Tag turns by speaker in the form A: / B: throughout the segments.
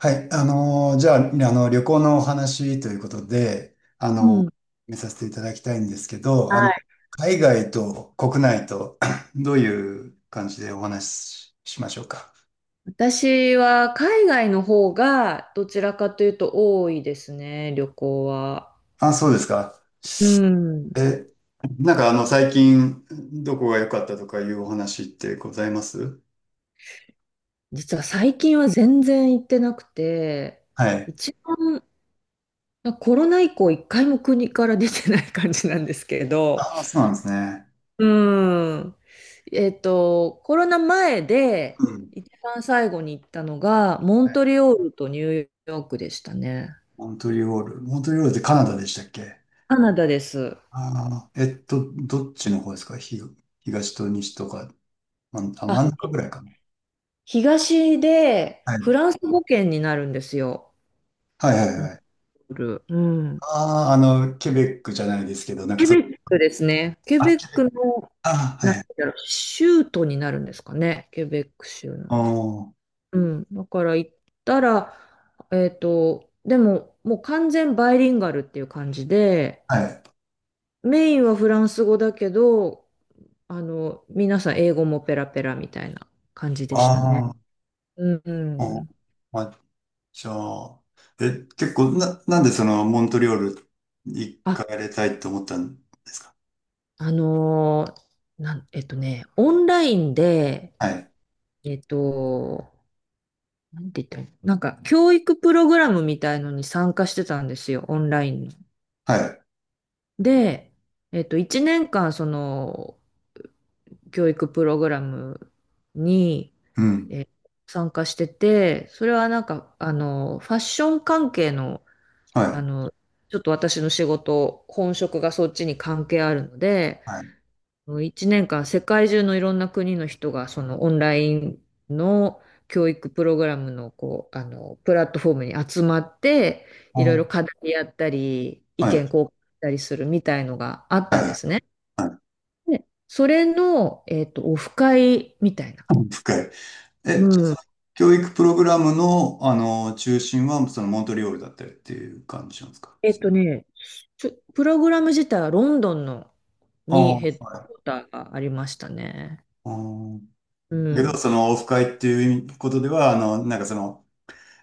A: はい、じゃあ、旅行のお話ということで、
B: うん。
A: 見させていただきたいんですけど、
B: はい。
A: 海外と国内と どういう感じでお話ししましょうか。
B: 私は海外の方がどちらかというと多いですね、旅行は。
A: あ、そうですか。
B: うん。
A: え、なんかあの、最近、どこが良かったとかいうお話ってございます？
B: 実は最近は全然行ってなくて、
A: はい。
B: 一番コロナ以降一回も国から出てない感じなんですけど、
A: ああ、そうなんですね。
B: うん。コロナ前
A: う
B: で
A: ん。
B: 一番最後に行ったのがモ
A: は
B: ント
A: い。
B: リオールとニューヨークでしたね。
A: モントリオール。モントリオールってカナダでしたっけ？
B: カナダです。
A: ああー、どっちの方ですか？東と西とか、真ん
B: あ、
A: 中ぐらいかな。
B: 東で
A: は
B: フ
A: い。
B: ランス語圏になるんですよ。
A: はいはい
B: モン
A: はい。
B: ゴル。うん。
A: ああ、ケベックじゃないですけど、なんかそ、
B: そうですね。ケ
A: あ、
B: ベッ
A: ケベッ
B: ク
A: ク。
B: の、
A: ああ、は
B: なん
A: いは
B: て
A: い。
B: 言うんだろう、州都になるんですかね。ケベック州の。
A: おー。
B: うん。だから行ったら、でも、もう完全バイリンガルっていう感じで、
A: はい。
B: メインはフランス語だけど、皆さん英語もペラペラみたいな感じでしたね。
A: ああ、
B: う
A: おん。
B: ん。
A: まあ、じゃあ、え、結構、な、なんでモントリオール行
B: あ、
A: かれたいと思ったんですか？
B: あのーなん、えっとね、オンラインで、
A: はい。
B: えっと、なんて言ったらいいの、なんか、教育プログラムみたいのに参加してたんですよ、オンラインの。
A: はい。
B: で、1年間、その、教育プログラムに、
A: うん。
B: えー参加してて、それはなんか、ファッション関係の、
A: は
B: あ
A: い。
B: の、ちょっと私の仕事、本職がそっちに関係あるので、
A: はい。
B: 1年間世界中のいろんな国の人がそのオンラインの教育プログラムのこう、プラットフォームに集まって、
A: お
B: いろいろ
A: ー。
B: 課題やったり、意
A: は
B: 見
A: い。
B: 交換したりするみたいのがあったんで
A: は
B: すね。
A: い。はい。
B: で、それの、オフ会みたいな。
A: 深い。
B: う
A: じゃ
B: ん。
A: あ、教育プログラムの、中心は、その、モントリオールだったりっていう感じなんですか？
B: えっとね、プログラム自体はロンドンの
A: あ
B: に
A: あ、
B: ヘッドク
A: は
B: ォ
A: い。
B: ーターがありましたね。
A: あー
B: う
A: だけど、
B: ん。
A: そのオフ会っていうことでは、あの、なんかその、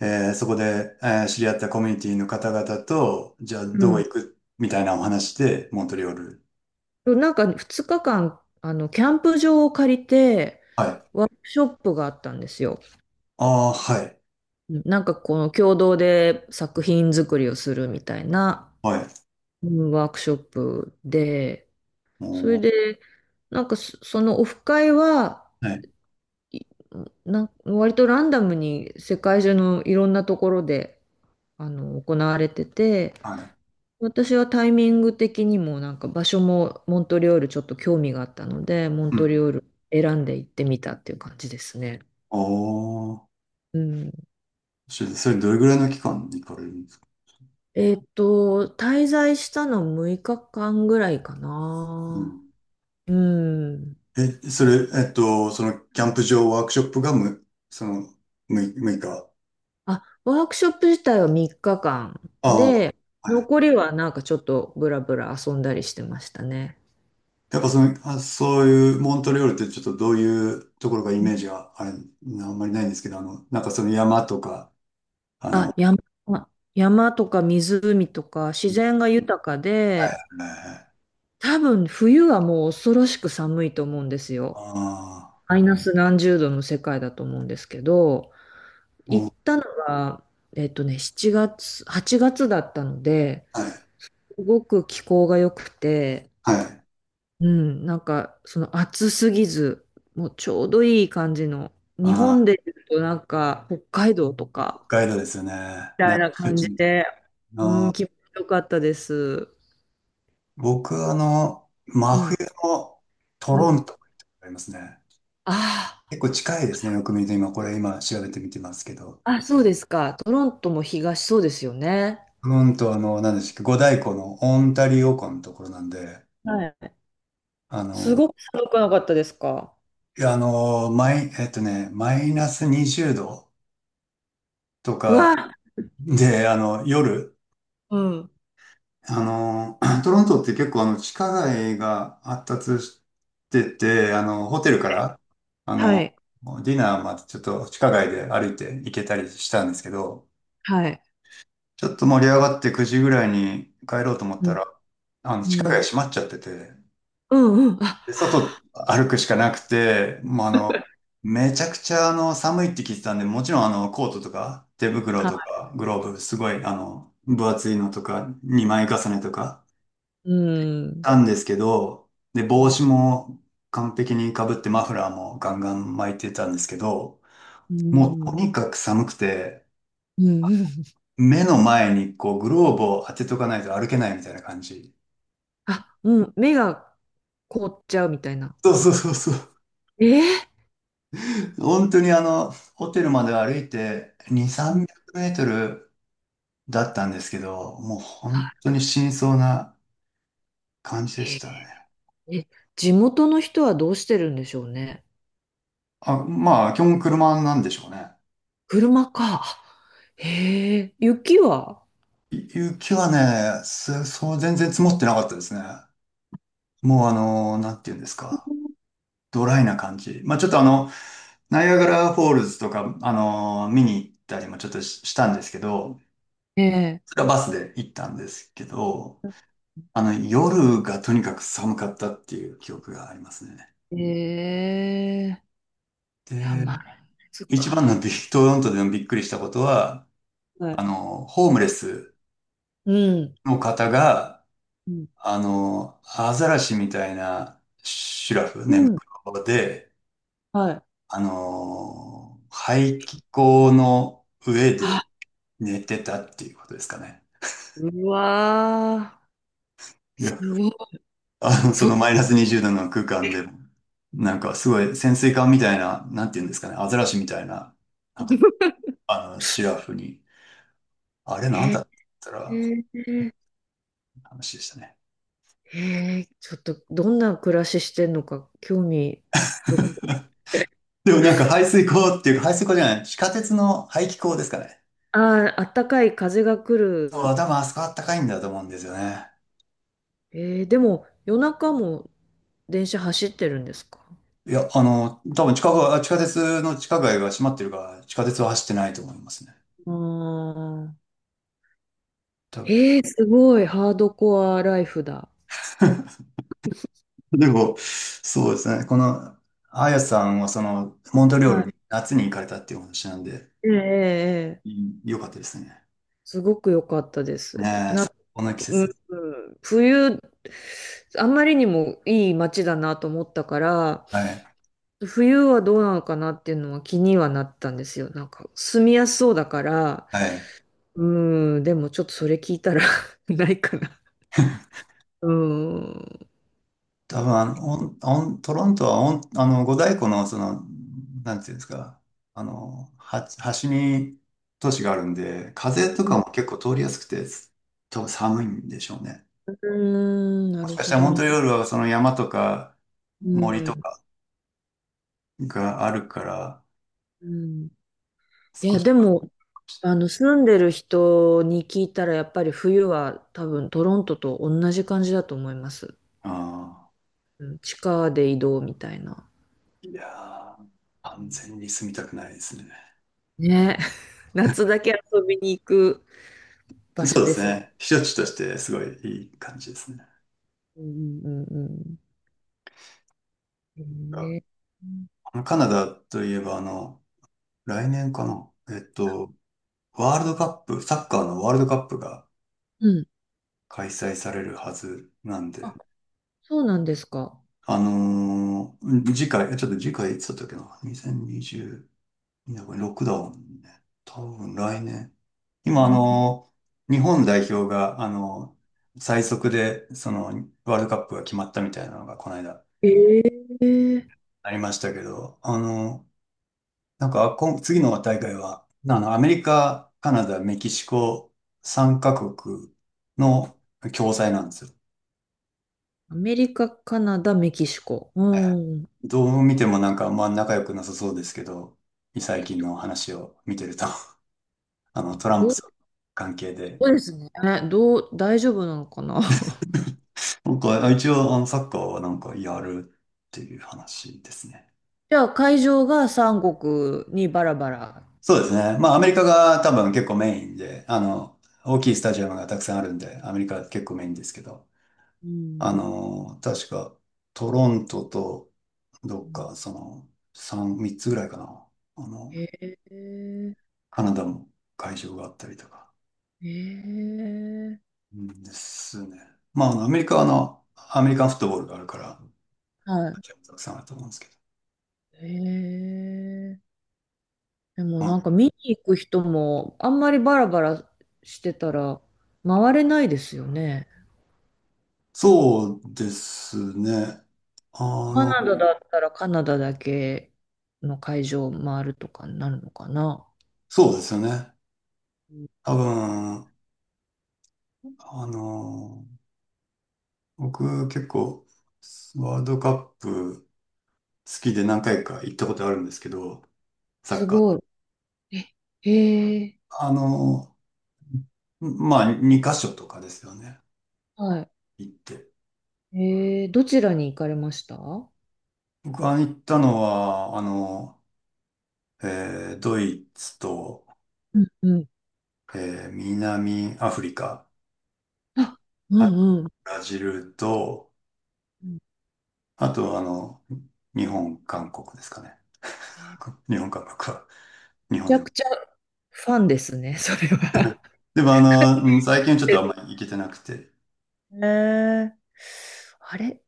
A: えーそこで、知り合ったコミュニティの方々と、じゃあ
B: う
A: どこ
B: ん、
A: 行くみたいなお話で、モントリオール。
B: なんか2日間、キャンプ場を借りて、
A: はい。
B: ワークショップがあったんですよ。
A: ああ、はい。
B: なんかこの共同で作品作りをするみたいな、
A: はい。
B: うん、ワークショップで、
A: お
B: それ
A: ー、
B: で、そのオフ会は、
A: はい。
B: いなん割とランダムに世界中のいろんなところで、行われてて、
A: はい。
B: 私はタイミング的にもなんか場所もモントリオールちょっと興味があったので、モン
A: う
B: トリ
A: ん。
B: オール選んで行ってみたっていう感じですね。
A: おー、
B: うん。
A: それどれぐらいの期間に行かれるんですか？
B: 滞在したの6日間ぐらいか
A: うん。
B: な。うん。
A: それ、そのキャンプ場ワークショップがむ、その、む、6日。
B: あ、ワークショップ自体は3日間
A: あ
B: で、
A: あ、はい。
B: 残りはなんかちょっとブラブラ遊んだりしてましたね。
A: やっぱあ、そういうモントリオールって、ちょっとどういうところがイメージがあんまりないんですけど、山とか、
B: あ、
A: は
B: 山、山とか湖とか自
A: い
B: 然が豊かで、
A: はいはい。
B: 多分冬はもう恐ろしく寒いと思うんですよ。
A: あ
B: マイナス何十度の世界だと思うんですけど、
A: あ、
B: 行
A: も
B: っ
A: う、
B: たのが、7月、8月だったので、
A: はい、
B: すごく気候が良くて、
A: はい。
B: うん、なんかその暑すぎず、もうちょうどいい感じの、日
A: あ
B: 本
A: あ、
B: で言うとなんか北海道と
A: 北
B: か、
A: 海道ですよね。
B: み
A: な
B: た
A: ん
B: い
A: か
B: な
A: 避暑
B: 感
A: 地
B: じ
A: みたい
B: で、
A: な。
B: うん、気持ちよかったです。
A: 僕、真
B: う
A: 冬
B: ん、
A: のト
B: う
A: ロ
B: ん。
A: ントがありますね。
B: あ
A: 結構近いですね。よく見ると今、これ今調べてみてますけど。
B: あ、あ、そうですか。トロントも東そうですよね。
A: トロント、何でしたっけ、五大湖のオンタリオ湖のところなんで、
B: はい。
A: あ
B: す
A: の、
B: ごく寒くなかったですか？
A: いや、マイナス20度と
B: う
A: か
B: わ、
A: で、夜、
B: うん。
A: トロントって結構地下街が発達してて、ホテルから、あ
B: は
A: の、
B: い、
A: ディナーまでちょっと地下街で歩いて行けたりしたんですけど、
B: はい。
A: ちょっと盛り上がって9時ぐらいに帰ろうと思っ
B: う
A: た
B: ん。
A: ら、地下
B: う
A: 街
B: ん。
A: 閉まっちゃってて、
B: うんうん。
A: で、
B: あ、
A: 外歩くしかなくて、もうめちゃくちゃ寒いって聞いてたんで、もちろんコートとか、手袋と
B: は
A: か、グローブ、すごい分厚いのとか、2枚重ねとか、
B: い。うん。
A: たんですけど、で、
B: う
A: 帽
B: ん。
A: 子も完璧に被って、マフラーもガンガン巻いてたんですけど、
B: う
A: もうと
B: ん
A: にかく寒くて、
B: うん。
A: 目の前にこう、グローブを当てとかないと歩けないみたいな感じ。
B: あ、うん。目が凍っちゃうみたいな。
A: そうそうそうそう。
B: えー、
A: 本当にホテルまで歩いて2、
B: うん、
A: 300メートルだったんですけど、もう本当
B: あ、
A: に死にそうな感じで
B: へ
A: し
B: ー、
A: たね。
B: え、地元の人はどうしてるんでしょうね。
A: あ、まあ、基本車なんでしょうね。
B: 車か。へえ、雪は？
A: 雪はね、すそう、全然積もってなかったですね。もうなんていうんですか。ドライな感じ。まあちょっとナイアガラフォールズとか、見に行ったりもちょっとしたんですけど、
B: ええ、
A: それはバスで行ったんですけど、夜がとにかく寒かったっていう記憶がありますね。
B: ええ、いや、
A: で、
B: まあ、そっ
A: 一番の
B: か。
A: トロントでのびっくりしたことは、
B: はい。
A: ホームレス
B: うん。
A: の方が、
B: うん。
A: アザラシみたいなシュラフ、
B: う
A: 寝
B: ん、
A: 袋で、
B: はい。
A: 排気口の上
B: あ、
A: で寝てたっていうことですかね。
B: うわー、
A: い
B: す
A: や、
B: ごい。
A: そ
B: そ、
A: のマイナス20度の空間でも、なんかすごい潜水艦みたいな、なんていうんですかね、アザラシみたいな、なんか シュラフに、あれなん
B: へ
A: だったら、
B: え、
A: 話でしたね。
B: へえ、ちょっとどんな暮らししてんのか興味深い。
A: でもなんか排水口っていうか、排水口じゃない、地下鉄の排気口ですかね。
B: ああ、あったかい風が来
A: ああ、
B: る。
A: 多分あそこあったかいんだと思うんですよね。
B: えー、でも夜中も電車走ってるんですか？
A: いや、多分が地下鉄の地下街が閉まってるから、地下鉄は走ってないと思いますね。
B: ああ
A: 多分。
B: ー。えー、すごい、ハードコアライフだ。
A: でも、そうですね。この、あやさんはその、モントリオー
B: は
A: ル
B: い。
A: に夏に行かれたっていうお話なんで、
B: ええええ。
A: う
B: ええ、
A: ん、よかったですね。
B: すごく良かったです。
A: ねえ、最高の季
B: う
A: 節。
B: ん、うん、冬、あんまりにもいい街だなと思ったから、
A: はい。
B: 冬はどうなのかなっていうのは気にはなったんですよ。なんか、住みやすそうだから、
A: はい。
B: うん、でもちょっとそれ聞いたら ないかな。うん。う
A: 多分あの、オン、オン、トロントはオン、あの、五大湖の、その、なんていうんですか、端に都市があるんで、風とかも結構通りやすくて、多分寒いんでしょうね。
B: ーん、な
A: もし
B: る
A: かし
B: ほ
A: たらモ
B: ど
A: ン
B: ね。
A: トリオールはその山とか
B: う
A: 森と
B: ん。
A: かがあるから、
B: うん。い
A: 少
B: や、
A: し
B: で
A: は。
B: も、住んでる人に聞いたら、やっぱり冬は多分トロントと同じ感じだと思います。
A: ああ、
B: うん、地下で移動みたいな。
A: いやー、完全に住みたくないですね。
B: ね。夏だけ遊びに行く場所
A: そうで
B: で
A: す
B: すね。
A: ね。避暑地としてすごいいい感じですね。
B: うんうんうん、うん。えー、
A: カナダといえば、来年かな。ワールドカップ、サッカーのワールドカップが
B: うん。
A: 開催されるはずなん
B: あ、
A: で、
B: そうなんですか。
A: 次回いつだったっけな？ 2020、これロックダウンね。多分来年。
B: う
A: 今、
B: ん、
A: 日本代表が、最速で、その、ワールドカップが決まったみたいなのが、この間、
B: ええ、
A: ありましたけど、今次の大会は、アメリカ、カナダ、メキシコ、3カ国の共催なんですよ。
B: アメリカ、カナダ、メキシコ。うん。
A: どう見てもなんかあんま仲良くなさそうですけど、最
B: えっ
A: 近
B: と、
A: の話を見てると、トラン
B: ど
A: プ
B: う、
A: さん関係で、
B: そうですね。え、どう、大丈夫なのかな。
A: なんか一応サッカーはなんかやるっていう話ですね。
B: じゃあ、会場が三国にバラバラ。
A: そうですね。まあアメリカが多分結構メインで、大きいスタジアムがたくさんあるんで、アメリカは結構メインですけど、
B: うん。
A: 確かトロントとど
B: う
A: っ
B: ん、
A: かその3、3つぐらいかな。あの、
B: へえ、へ
A: カナダも会場があったりとか。
B: え、
A: うんですね。まあ、アメリカはアメリカンフットボールがあるから、ア
B: はい。
A: ジアもたくさんあると思うんですけど。
B: へえ。でも
A: まあ、
B: なんか見に行く人もあんまりバラバラしてたら回れないですよね。
A: そうですね。あ
B: カ
A: の、
B: ナダだったらカナダだけの会場を回るとかになるのかな。
A: そうですよね。
B: うん、
A: 多分、あの、僕結構、ワールドカップ好きで何回か行ったことあるんですけど、サッ
B: す
A: カ
B: ご
A: ー。
B: い。え、へえ、
A: あの、まあ、2カ所とかですよね。
B: は
A: 行って。
B: い。えー、どちらに行かれました？う
A: 僕が行ったのは、ドイツと、
B: んうん。
A: 南アフリカ、
B: あ、う
A: あと
B: んうん。
A: ブラジルと、
B: うん、
A: あとあの、日本、韓国ですかね。
B: えー、
A: 日本、韓国は、日
B: めち
A: 本
B: ゃ
A: でも。
B: くちゃファンですね、それは。
A: でもうん、最近ちょっとあん まり行けてなくて、
B: えー、あれ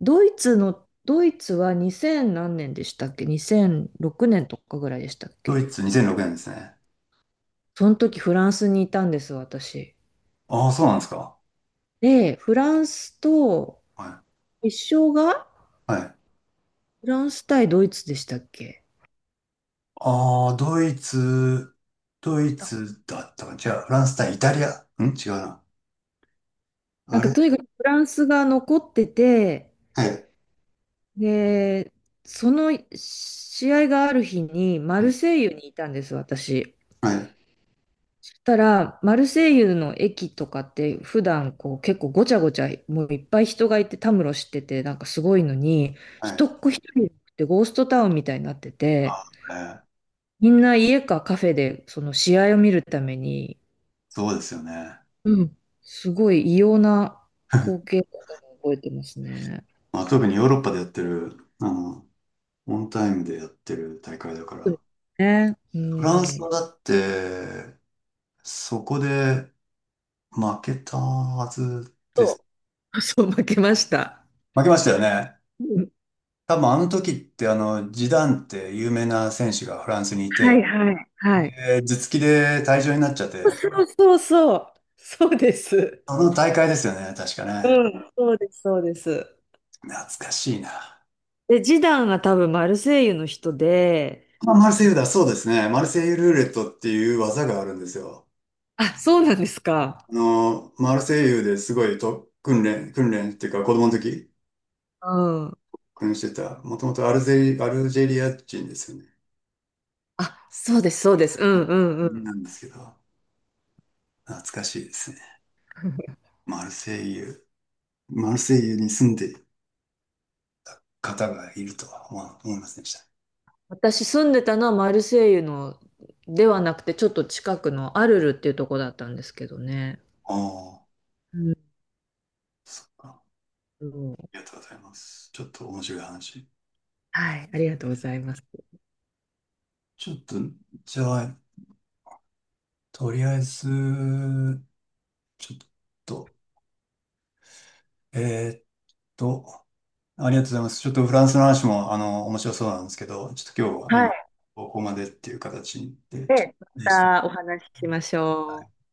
B: ドイツの、ドイツは2000何年でしたっけ？ 2006 年とかぐらいでしたっ
A: ドイ
B: け？
A: ツ2006年ですね。
B: その時フランスにいたんです、私。
A: ああ、そうなんですか。
B: で、フランスと、
A: は
B: 決勝が
A: い。はい。
B: フランス対ドイツでしたっけ？
A: ああ、ドイ
B: た
A: ツだったかな。違う、フランス対イタリア。違うな。
B: なん
A: あ
B: か
A: れ、
B: とにかくフランスが残ってて、
A: はい。
B: で、その試合がある日にマ
A: う
B: ル
A: ん、
B: セイユにいたんです、私。
A: はい。
B: そしたら、マルセイユの駅とかって普段こう結構ごちゃごちゃ、もういっぱい人がいてたむろしてて、なんかすごいのに、
A: は
B: 一
A: い。
B: っ子一人でゴーストタウンみたいになって
A: あ
B: て、
A: あ、ね、
B: みんな家かカフェでその試合を見るために、
A: そうですよね。
B: うん。すごい異様な光景 だったのを覚えてますね。
A: まあ、特にヨーロッパでやってる、オンタイムでやってる大会だか
B: そうで
A: ら。
B: すね。う
A: フランスは
B: ん。
A: だって、そこで負けたはずです。
B: そう、 そう、負けました。
A: 負けましたよね。
B: うん、
A: 多分あの時ってジダンって有名な選手がフランスにい
B: は
A: て、
B: いはい。はい。
A: で、頭突きで退場になっちゃっ
B: そ
A: て、
B: うそうそう。そうです。
A: あの大会ですよね、確かね。
B: うん、そうです、そうです。
A: 懐かしいな。
B: で、ジダンが多分マルセイユの人で、
A: あ、マルセイユだ、そうですね。マルセイユルーレットっていう技があるんですよ。
B: あ、そうなんですか。
A: マルセイユですごい訓練、訓練っていうか子供の時、
B: うん。
A: 加入してた、もともとアルジェリア人ですよね。
B: あ、そうです、そうです。うんうんうん。
A: なんですけど、懐かしいですね。マルセイユ、マルセイユに住んでる方がいるとは思いませんでした。
B: 私住んでたのはマルセイユのではなくて、ちょっと近くのアルルっていうとこだったんですけどね。
A: ああ、
B: うん
A: そっか。あ
B: うん、
A: りがとうございます。ちょっと面白い話。
B: はい、ありがとうございます。
A: ちょっと、じゃあ、とりあえず、ちょっと、えーっと、ありがとうございます。ちょっとフランスの話も、面白そうなんですけど、ちょっと今日は
B: は
A: 今、
B: い。
A: ここまでっていう形で、ちょっ
B: で、ま
A: と、でした。
B: たお話ししましょう。